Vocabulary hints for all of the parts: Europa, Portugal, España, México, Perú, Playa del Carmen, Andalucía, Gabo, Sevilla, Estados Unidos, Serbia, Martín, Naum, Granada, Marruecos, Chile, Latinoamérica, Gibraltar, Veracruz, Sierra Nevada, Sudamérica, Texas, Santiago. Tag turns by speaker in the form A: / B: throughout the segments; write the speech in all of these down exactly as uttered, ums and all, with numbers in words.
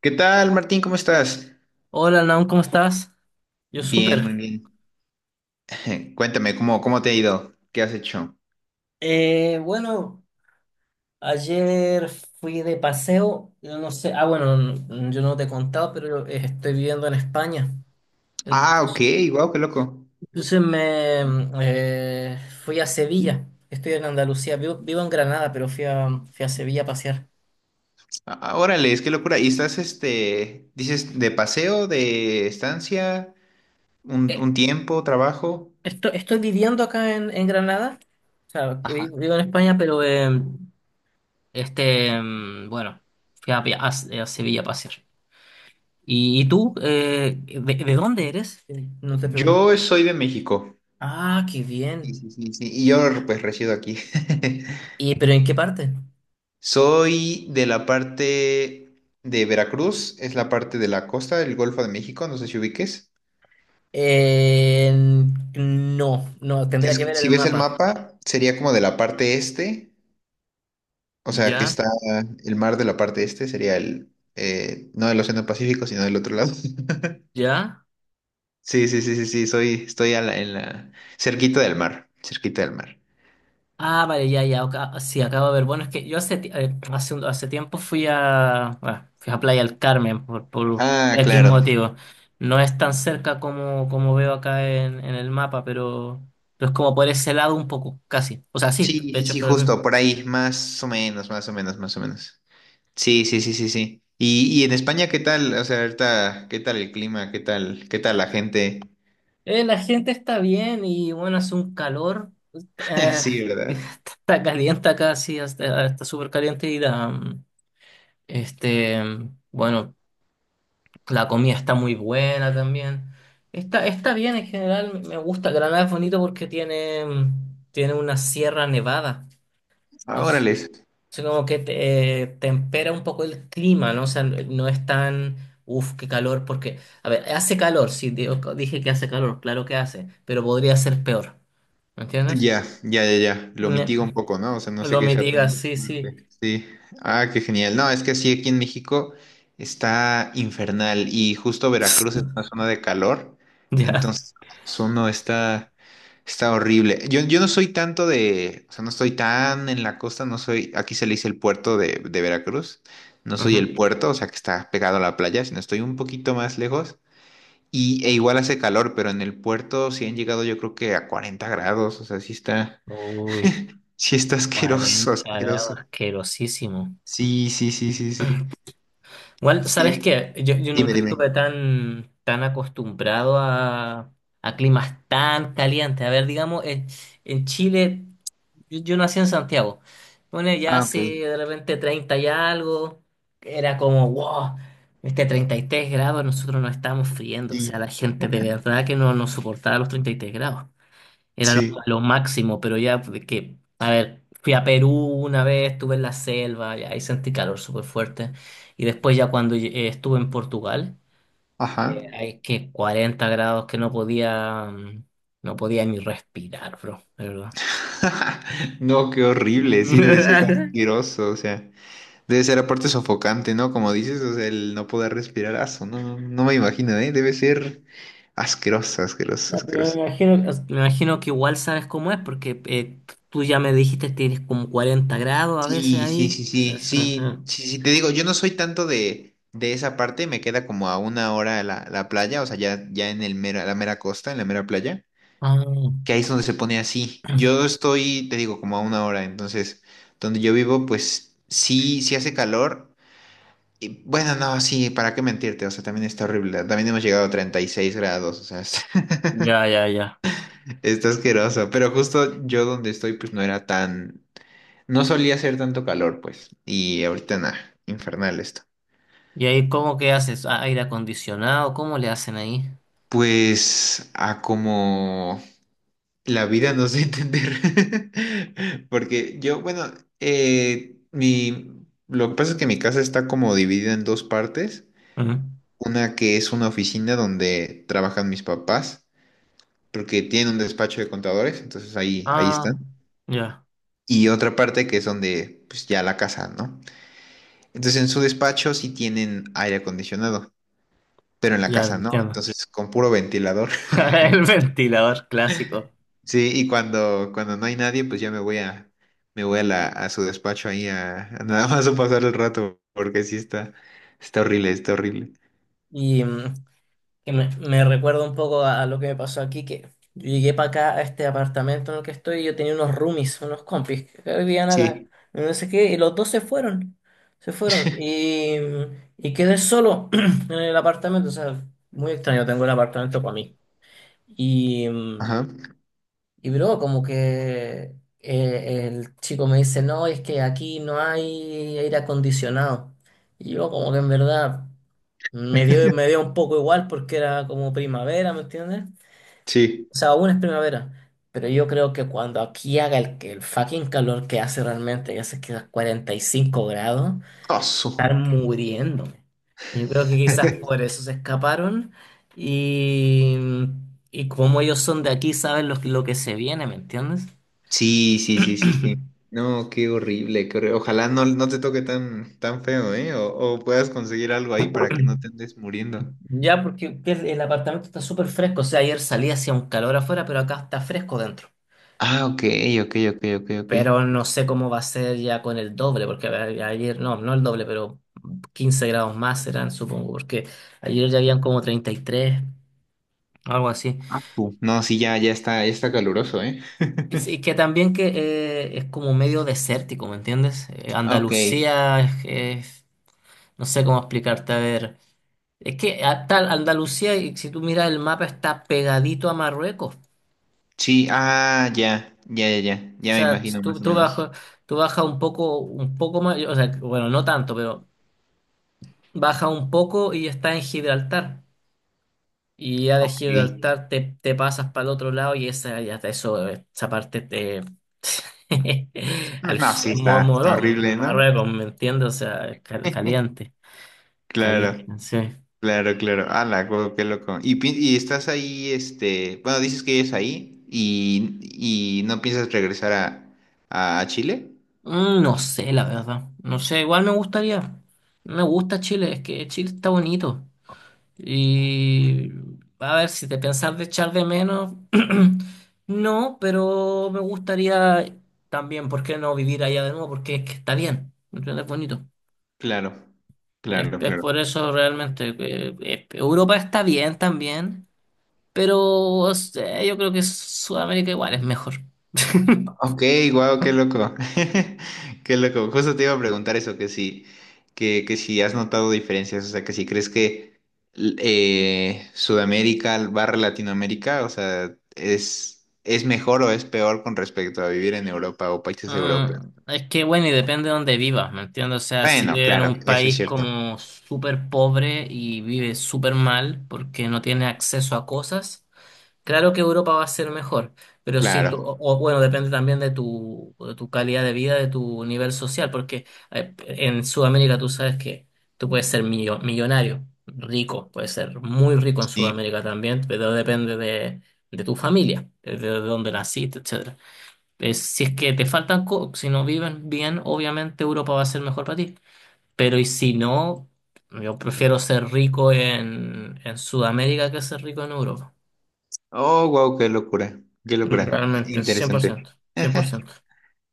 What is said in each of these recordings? A: ¿Qué tal, Martín? ¿Cómo estás?
B: Hola, Naum, ¿cómo estás? Yo
A: Bien, muy
B: súper.
A: bien. Cuéntame, ¿cómo, cómo te ha ido? ¿Qué has hecho?
B: Eh, bueno, ayer fui de paseo, yo no sé, ah, bueno, n- yo no te he contado, pero eh, estoy viviendo en España.
A: Ah, ok,
B: Entonces,
A: wow, qué loco.
B: entonces me mm, eh, fui a Sevilla, estoy en Andalucía, vivo, vivo en Granada, pero fui a, fui a Sevilla a pasear.
A: Ah, órale, es qué locura. ¿Y estás, este, dices, de paseo, de estancia, un,
B: Eh,
A: un tiempo, trabajo?
B: esto- Estoy viviendo acá en, en Granada, o sea, vi-
A: Ajá.
B: vivo en España, pero eh, este, mm, bueno, fui a, a a Sevilla a pasear. ¿Y, y tú, eh, de, de dónde eres? Eh, No te pregunté.
A: Yo soy de México.
B: Ah, qué
A: Sí,
B: bien.
A: sí, sí, sí. Y yo, pues, resido aquí.
B: ¿Y pero en qué parte?
A: Soy de la parte de Veracruz, es la parte de la costa del Golfo de México, no sé si ubiques.
B: En- no, no,
A: Que
B: tendría que
A: es-
B: ver
A: si
B: el
A: ves el
B: mapa.
A: mapa, sería como de la parte este. O sea, que
B: ¿Ya?
A: está el mar de la parte este, sería el, eh, no del Océano Pacífico, sino del otro lado.
B: ¿Ya?
A: Sí, sí, sí, sí, sí, soy, estoy a la- en la, cerquita del mar, cerquita del mar.
B: Ah, vale, ya, ya. Ok, ah, sí, acabo de ver. Bueno, es que yo hace, ti- eh, hace, un- hace tiempo fui a, bueno, fui a Playa del Carmen por, por
A: Ah,
B: X
A: claro.
B: motivo. No es tan cerca como, como veo acá en, en el mapa, pero, pero es como por ese lado un poco, casi. O sea, sí,
A: Sí,
B: de
A: sí,
B: hecho, es
A: sí,
B: por el
A: justo,
B: mismo.
A: por ahí, más o menos, más o menos, más o menos. Sí, sí, sí, sí, sí. Y, y en España, ¿qué tal? O sea, ahorita, ¿qué tal el clima? ¿Qué tal, qué tal la gente?
B: Eh, la gente está bien y bueno, hace un calor. eh,
A: Sí, ¿verdad?
B: Está caliente acá, sí, hasta- está súper caliente y la, mm, este, mm, bueno, la comida está muy buena también. Está, está bien en general, me gusta. Granada es bonito porque tiene, mm, tiene una sierra nevada.
A: Ah,
B: Entonces,
A: órales.
B: es como que te, eh, tempera un poco el clima, ¿no? O sea, no es tan, uff, qué calor, porque, a ver, hace calor, sí, digo- dije que hace calor, claro que hace, pero podría ser peor. ¿Me entiendes?
A: Ya, ya, ya, ya. Lo
B: Ne-
A: mitiga un poco, ¿no? O sea, no sé
B: lo
A: qué sea
B: mitigas,
A: tan
B: sí,
A: fuerte.
B: sí.
A: Sí. Ah, qué genial. No, es que sí, aquí en México está infernal y justo Veracruz es una zona de calor.
B: Ya.
A: Entonces, eso no está, está horrible. Yo, yo no soy tanto de, o sea, no estoy tan en la costa, no soy, aquí se le dice el puerto de, de Veracruz. No soy
B: Ujú.
A: el puerto, o sea, que está pegado a la playa, sino estoy un poquito más lejos. Y, e igual hace calor, pero en el puerto sí han llegado yo creo que a 40 grados, o sea, sí está,
B: Uy,
A: sí está asqueroso,
B: cuarenta
A: asqueroso.
B: grados, asquerosísimo.
A: Sí, sí, sí, sí, sí.
B: Igual, ¿sabes
A: Y-
B: qué? Yo, yo
A: Dime,
B: nunca
A: dime.
B: estuve tan, tan acostumbrado a, a climas tan calientes. A ver, digamos, en, en Chile. Yo, yo nací en Santiago. Bueno, ya
A: Ah, ok.
B: así de repente treinta y algo, era como, wow, este treinta y tres grados, nosotros nos estábamos friendo. O sea,
A: Sí,
B: la gente de verdad que no nos soportaba los treinta y tres grados. Era lo,
A: sí.
B: lo máximo, pero ya de que, a ver, fui a Perú una vez, estuve en la selva, y ahí sentí calor súper fuerte. Y después ya cuando eh, estuve en Portugal,
A: Ajá.
B: eh, hay que cuarenta grados que no podía, mm, no podía ni respirar, bro, de verdad.
A: No, qué horrible, sí, debe ser asqueroso, o sea, debe ser aparte sofocante, ¿no? Como dices, o sea, el no poder respirar, aso, no, no me imagino, ¿eh? Debe ser asqueroso, asqueroso,
B: No, pero me
A: asqueroso.
B: imagino, me imagino que igual sabes cómo es, porque eh, tú ya me dijiste que tienes como cuarenta grados a veces
A: Sí, sí,
B: ahí.
A: sí,
B: Sí,
A: sí,
B: sí, sí.
A: sí, sí, sí, te digo, yo no soy tanto de, de, esa parte, me queda como a una hora la, la playa, o sea, ya, ya en el mera, la mera costa, en la mera playa,
B: Ah,
A: que ahí es donde se pone así. Yo estoy, te digo, como a una hora, entonces, donde yo vivo, pues sí, sí hace calor, y bueno, no, sí, ¿para qué mentirte? O sea, también está horrible, también hemos llegado a treinta y seis grados, o sea, está,
B: ya, ya, ya.
A: está asqueroso, pero justo yo donde estoy, pues no era tan, no solía hacer tanto calor, pues, y ahorita nada, infernal esto.
B: ¿Y ahí cómo que haces? ¿A- ¿Aire acondicionado? ¿Cómo le hacen ahí?
A: Pues a como la vida nos dé a entender. Porque yo, bueno, eh, mi, lo que pasa es que mi casa está como dividida en dos partes.
B: Ujú.
A: Una que es una oficina donde trabajan mis papás, porque tienen un despacho de contadores, entonces ahí, ahí
B: Ah,
A: están.
B: ya,
A: Y otra parte que es donde, pues ya la casa, ¿no? Entonces en su despacho sí tienen aire acondicionado, pero en la
B: ya,
A: casa no,
B: entiendo.
A: entonces con puro ventilador.
B: El ventilador clásico.
A: Sí, y cuando, cuando no hay nadie, pues ya me voy a, me voy a la, a su despacho ahí a, a nada más a pasar el rato, porque sí está, está horrible, está horrible.
B: Y, mm, que me, me recuerda un poco a, a lo que me pasó aquí, que yo llegué para acá a este apartamento en el que estoy y yo tenía unos roomies, unos compis que vivían acá,
A: Sí,
B: y no sé qué, y los dos se fueron, se fueron, y, y quedé solo en el apartamento, o sea, muy extraño, tengo el apartamento para mí. Y, mm,
A: ajá,
B: y bro, como que eh, el chico me dice, no, es que aquí no hay aire acondicionado. Y yo como que en verdad me dio, me dio un poco igual porque era como primavera, ¿me entiendes?
A: sí.
B: O sea, aún es primavera. Pero yo creo que cuando aquí haga el, que- el fucking calor que hace realmente, que hace quizás 45 grados,
A: Ah, su.
B: estar muriéndome. Yo creo que quizás por eso se escaparon y, y como ellos son de aquí, saben lo, que- lo que se viene, ¿me entiendes?
A: Sí, sí, sí, sí, sí. No, qué horrible, qué horri- Ojalá no, no te toque tan, tan feo, ¿eh? O, o puedas conseguir algo ahí para que no te andes muriendo.
B: Ya, porque el el apartamento está súper fresco. O sea, ayer salí hacía un calor afuera, pero acá está fresco dentro.
A: Ah, ok, ok, ok, ok, ok.
B: Pero no sé cómo va a ser ya con el doble, porque a- ayer, no, no el doble, pero quince grados más serán, supongo, porque ayer ya habían como treinta y tres, algo así.
A: Ah, su. No, sí, ya, ya está, ya está caluroso, ¿eh?
B: Y sí, que también que eh, es como medio desértico, ¿me entiendes? Eh,
A: Ok.
B: Andalucía es, es- no sé cómo explicarte, a ver. Es que hasta Andalucía, y si tú miras el mapa, está pegadito a Marruecos.
A: Sí, ah, ya, ya, ya, ya,
B: O
A: ya me
B: sea,
A: imagino
B: tú,
A: más o
B: tú
A: menos.
B: bajo, tú baja un poco, un poco más, o sea, bueno, no tanto, pero baja un poco y está en Gibraltar. Y ya de
A: Sí.
B: Gibraltar te, te pasas para el otro lado y esa, ya te- eso, esa parte te... Al
A: No, sí,
B: Mo-
A: está, está
B: Moro-
A: horrible, ¿no?
B: Marruecos, ¿me entiendes? O sea, cal- caliente, caliente,
A: Claro,
B: sí.
A: claro, claro. Ala, guau, qué loco. Y, pi- y estás ahí, este, bueno, dices que es ahí y, y no piensas regresar a, a Chile.
B: Mm, No sé, la verdad. No sé, igual me gustaría. Me gusta Chile, es que Chile está bonito. Y a ver, si te pensás de echar de menos, no, pero me gustaría también, ¿por qué no vivir allá de nuevo? Porque es que está bien, ¿me entiendes? Es bonito.
A: Claro,
B: Es,
A: claro,
B: es
A: claro.
B: por eso realmente que eh, Europa está bien también, pero o sea, yo creo que Sudamérica igual es mejor.
A: Ok, wow, qué loco. Qué loco. Justo te iba a preguntar eso, que si, que, que si has notado diferencias, o sea, que si crees que l- eh, Sudamérica barra Latinoamérica, o sea, es, es mejor o es peor con respecto a vivir en Europa o países europeos.
B: Mm, es que bueno, y depende de dónde vivas, ¿me entiendes? O sea, si
A: Bueno,
B: vives en
A: claro,
B: un
A: eso es
B: país
A: cierto.
B: como súper pobre y vives súper mal porque no tienes acceso a cosas. Claro que Europa va a ser mejor, pero si
A: Claro,
B: tú, o, o, bueno, depende también de tu, de tu calidad de vida, de tu nivel social, porque eh, en Sudamérica tú sabes que tú puedes ser millo- millonario, rico, puedes ser muy rico en
A: sí.
B: Sudamérica también, pero depende de, de tu familia, de, de dónde naciste, etcétera. Eh, si es que te faltan, co- si no viven bien, obviamente Europa va a ser mejor para ti, pero y si no, yo prefiero ser rico en, en Sudamérica que ser rico en Europa.
A: Oh, wow, qué locura. Qué
B: Mm,
A: locura.
B: Realmente, cien cien por
A: Interesante.
B: ciento cien por ciento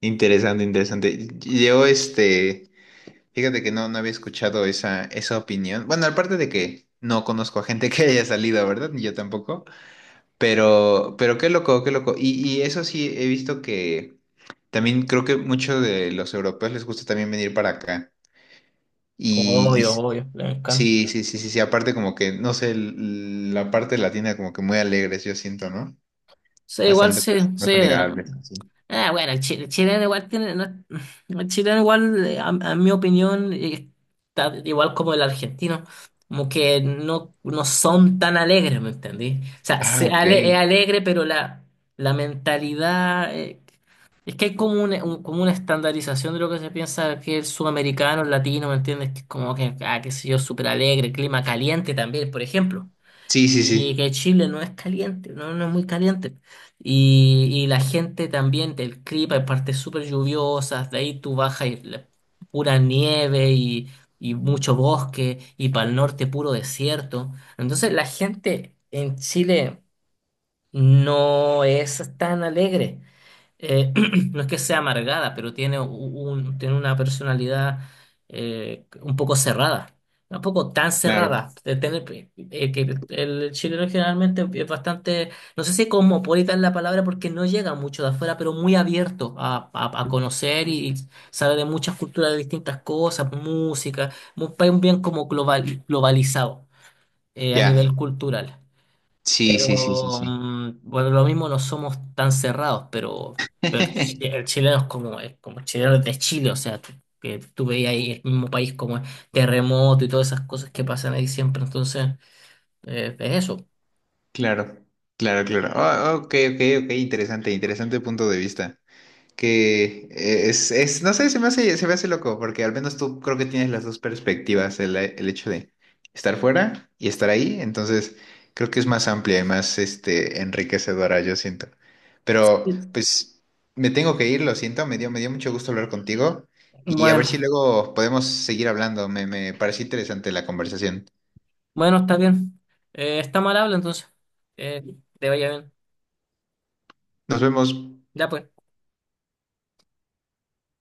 A: Interesante, interesante. Yo, este. Fíjate que no, no había escuchado esa, esa, opinión. Bueno, aparte de que no conozco a gente que haya salido, ¿verdad? Ni yo tampoco. Pero, pero qué loco, qué loco. Y, y eso sí, he visto que también creo que muchos de los europeos les gusta también venir para acá. Y, y
B: Obvio,
A: s-
B: obvio, le encanta.
A: sí, sí, sí, sí, sí. Aparte como que, no sé, l- la parte latina como que muy alegres, yo siento, ¿no?
B: Sí, igual
A: Bastante
B: sí,
A: más,
B: sí.
A: más amigables, así.
B: Ah, bueno, el, chi- el chileno igual tiene, no- el chileno igual, eh, a, a mi opinión, eh, está igual como el argentino, como que no, no son tan alegres, ¿me entendí? O sea,
A: Ah,
B: se
A: ok.
B: ale- es alegre, pero la, la mentalidad eh, es que hay como una, un- como una estandarización de lo que se piensa que el sudamericano, el latino, ¿me entiendes? Que es como que, ah, qué sé yo, súper alegre, clima caliente también, por ejemplo.
A: Sí, sí, sí.
B: Y que Chile no es caliente, no, no es muy caliente. Y, y la gente también, el clima, hay partes súper lluviosas, de ahí tú bajas y la- pura nieve y, y mucho bosque, y para el norte puro desierto. Entonces la gente en Chile no es tan alegre eh, no es que sea amargada, pero tiene, u- un, tiene una personalidad eh, un poco cerrada. Tampoco tan
A: Claro.
B: cerrada. De tener- eh, que el chileno generalmente es bastante, no sé si cosmopolita es la palabra porque no llega mucho de afuera, pero muy abierto a, a- a conocer y, y sabe de muchas culturas, de distintas cosas, música, un país bien como global, globalizado eh, a
A: Ya.
B: nivel cultural.
A: Sí, sí, sí, sí,
B: Pero
A: sí.
B: mm, bueno, lo mismo no somos tan cerrados, pero, pero el, chi- el chileno es como, es como el chileno es de Chile, o sea, tú- que tú veías ahí el mismo país como es terremoto y todas esas cosas que pasan ahí siempre, entonces eh, es eso.
A: Claro, claro, claro. Ah, ok, ok, ok, interesante, interesante punto de vista. Que eh, es, es, no sé, se me hace, se me hace loco, porque al menos tú creo que tienes las dos perspectivas, el, el hecho de estar fuera y estar ahí, entonces creo que es más amplia y más, este, enriquecedora, yo siento. Pero,
B: Sí.
A: pues, me tengo que ir, lo siento, me dio, me dio mucho gusto hablar contigo y a ver si
B: Bueno,
A: luego podemos seguir hablando, me, me pareció interesante la conversación.
B: bueno, está bien. Eh, está mal habla entonces. Eh, te vaya bien.
A: Nos vemos.
B: Ya pues.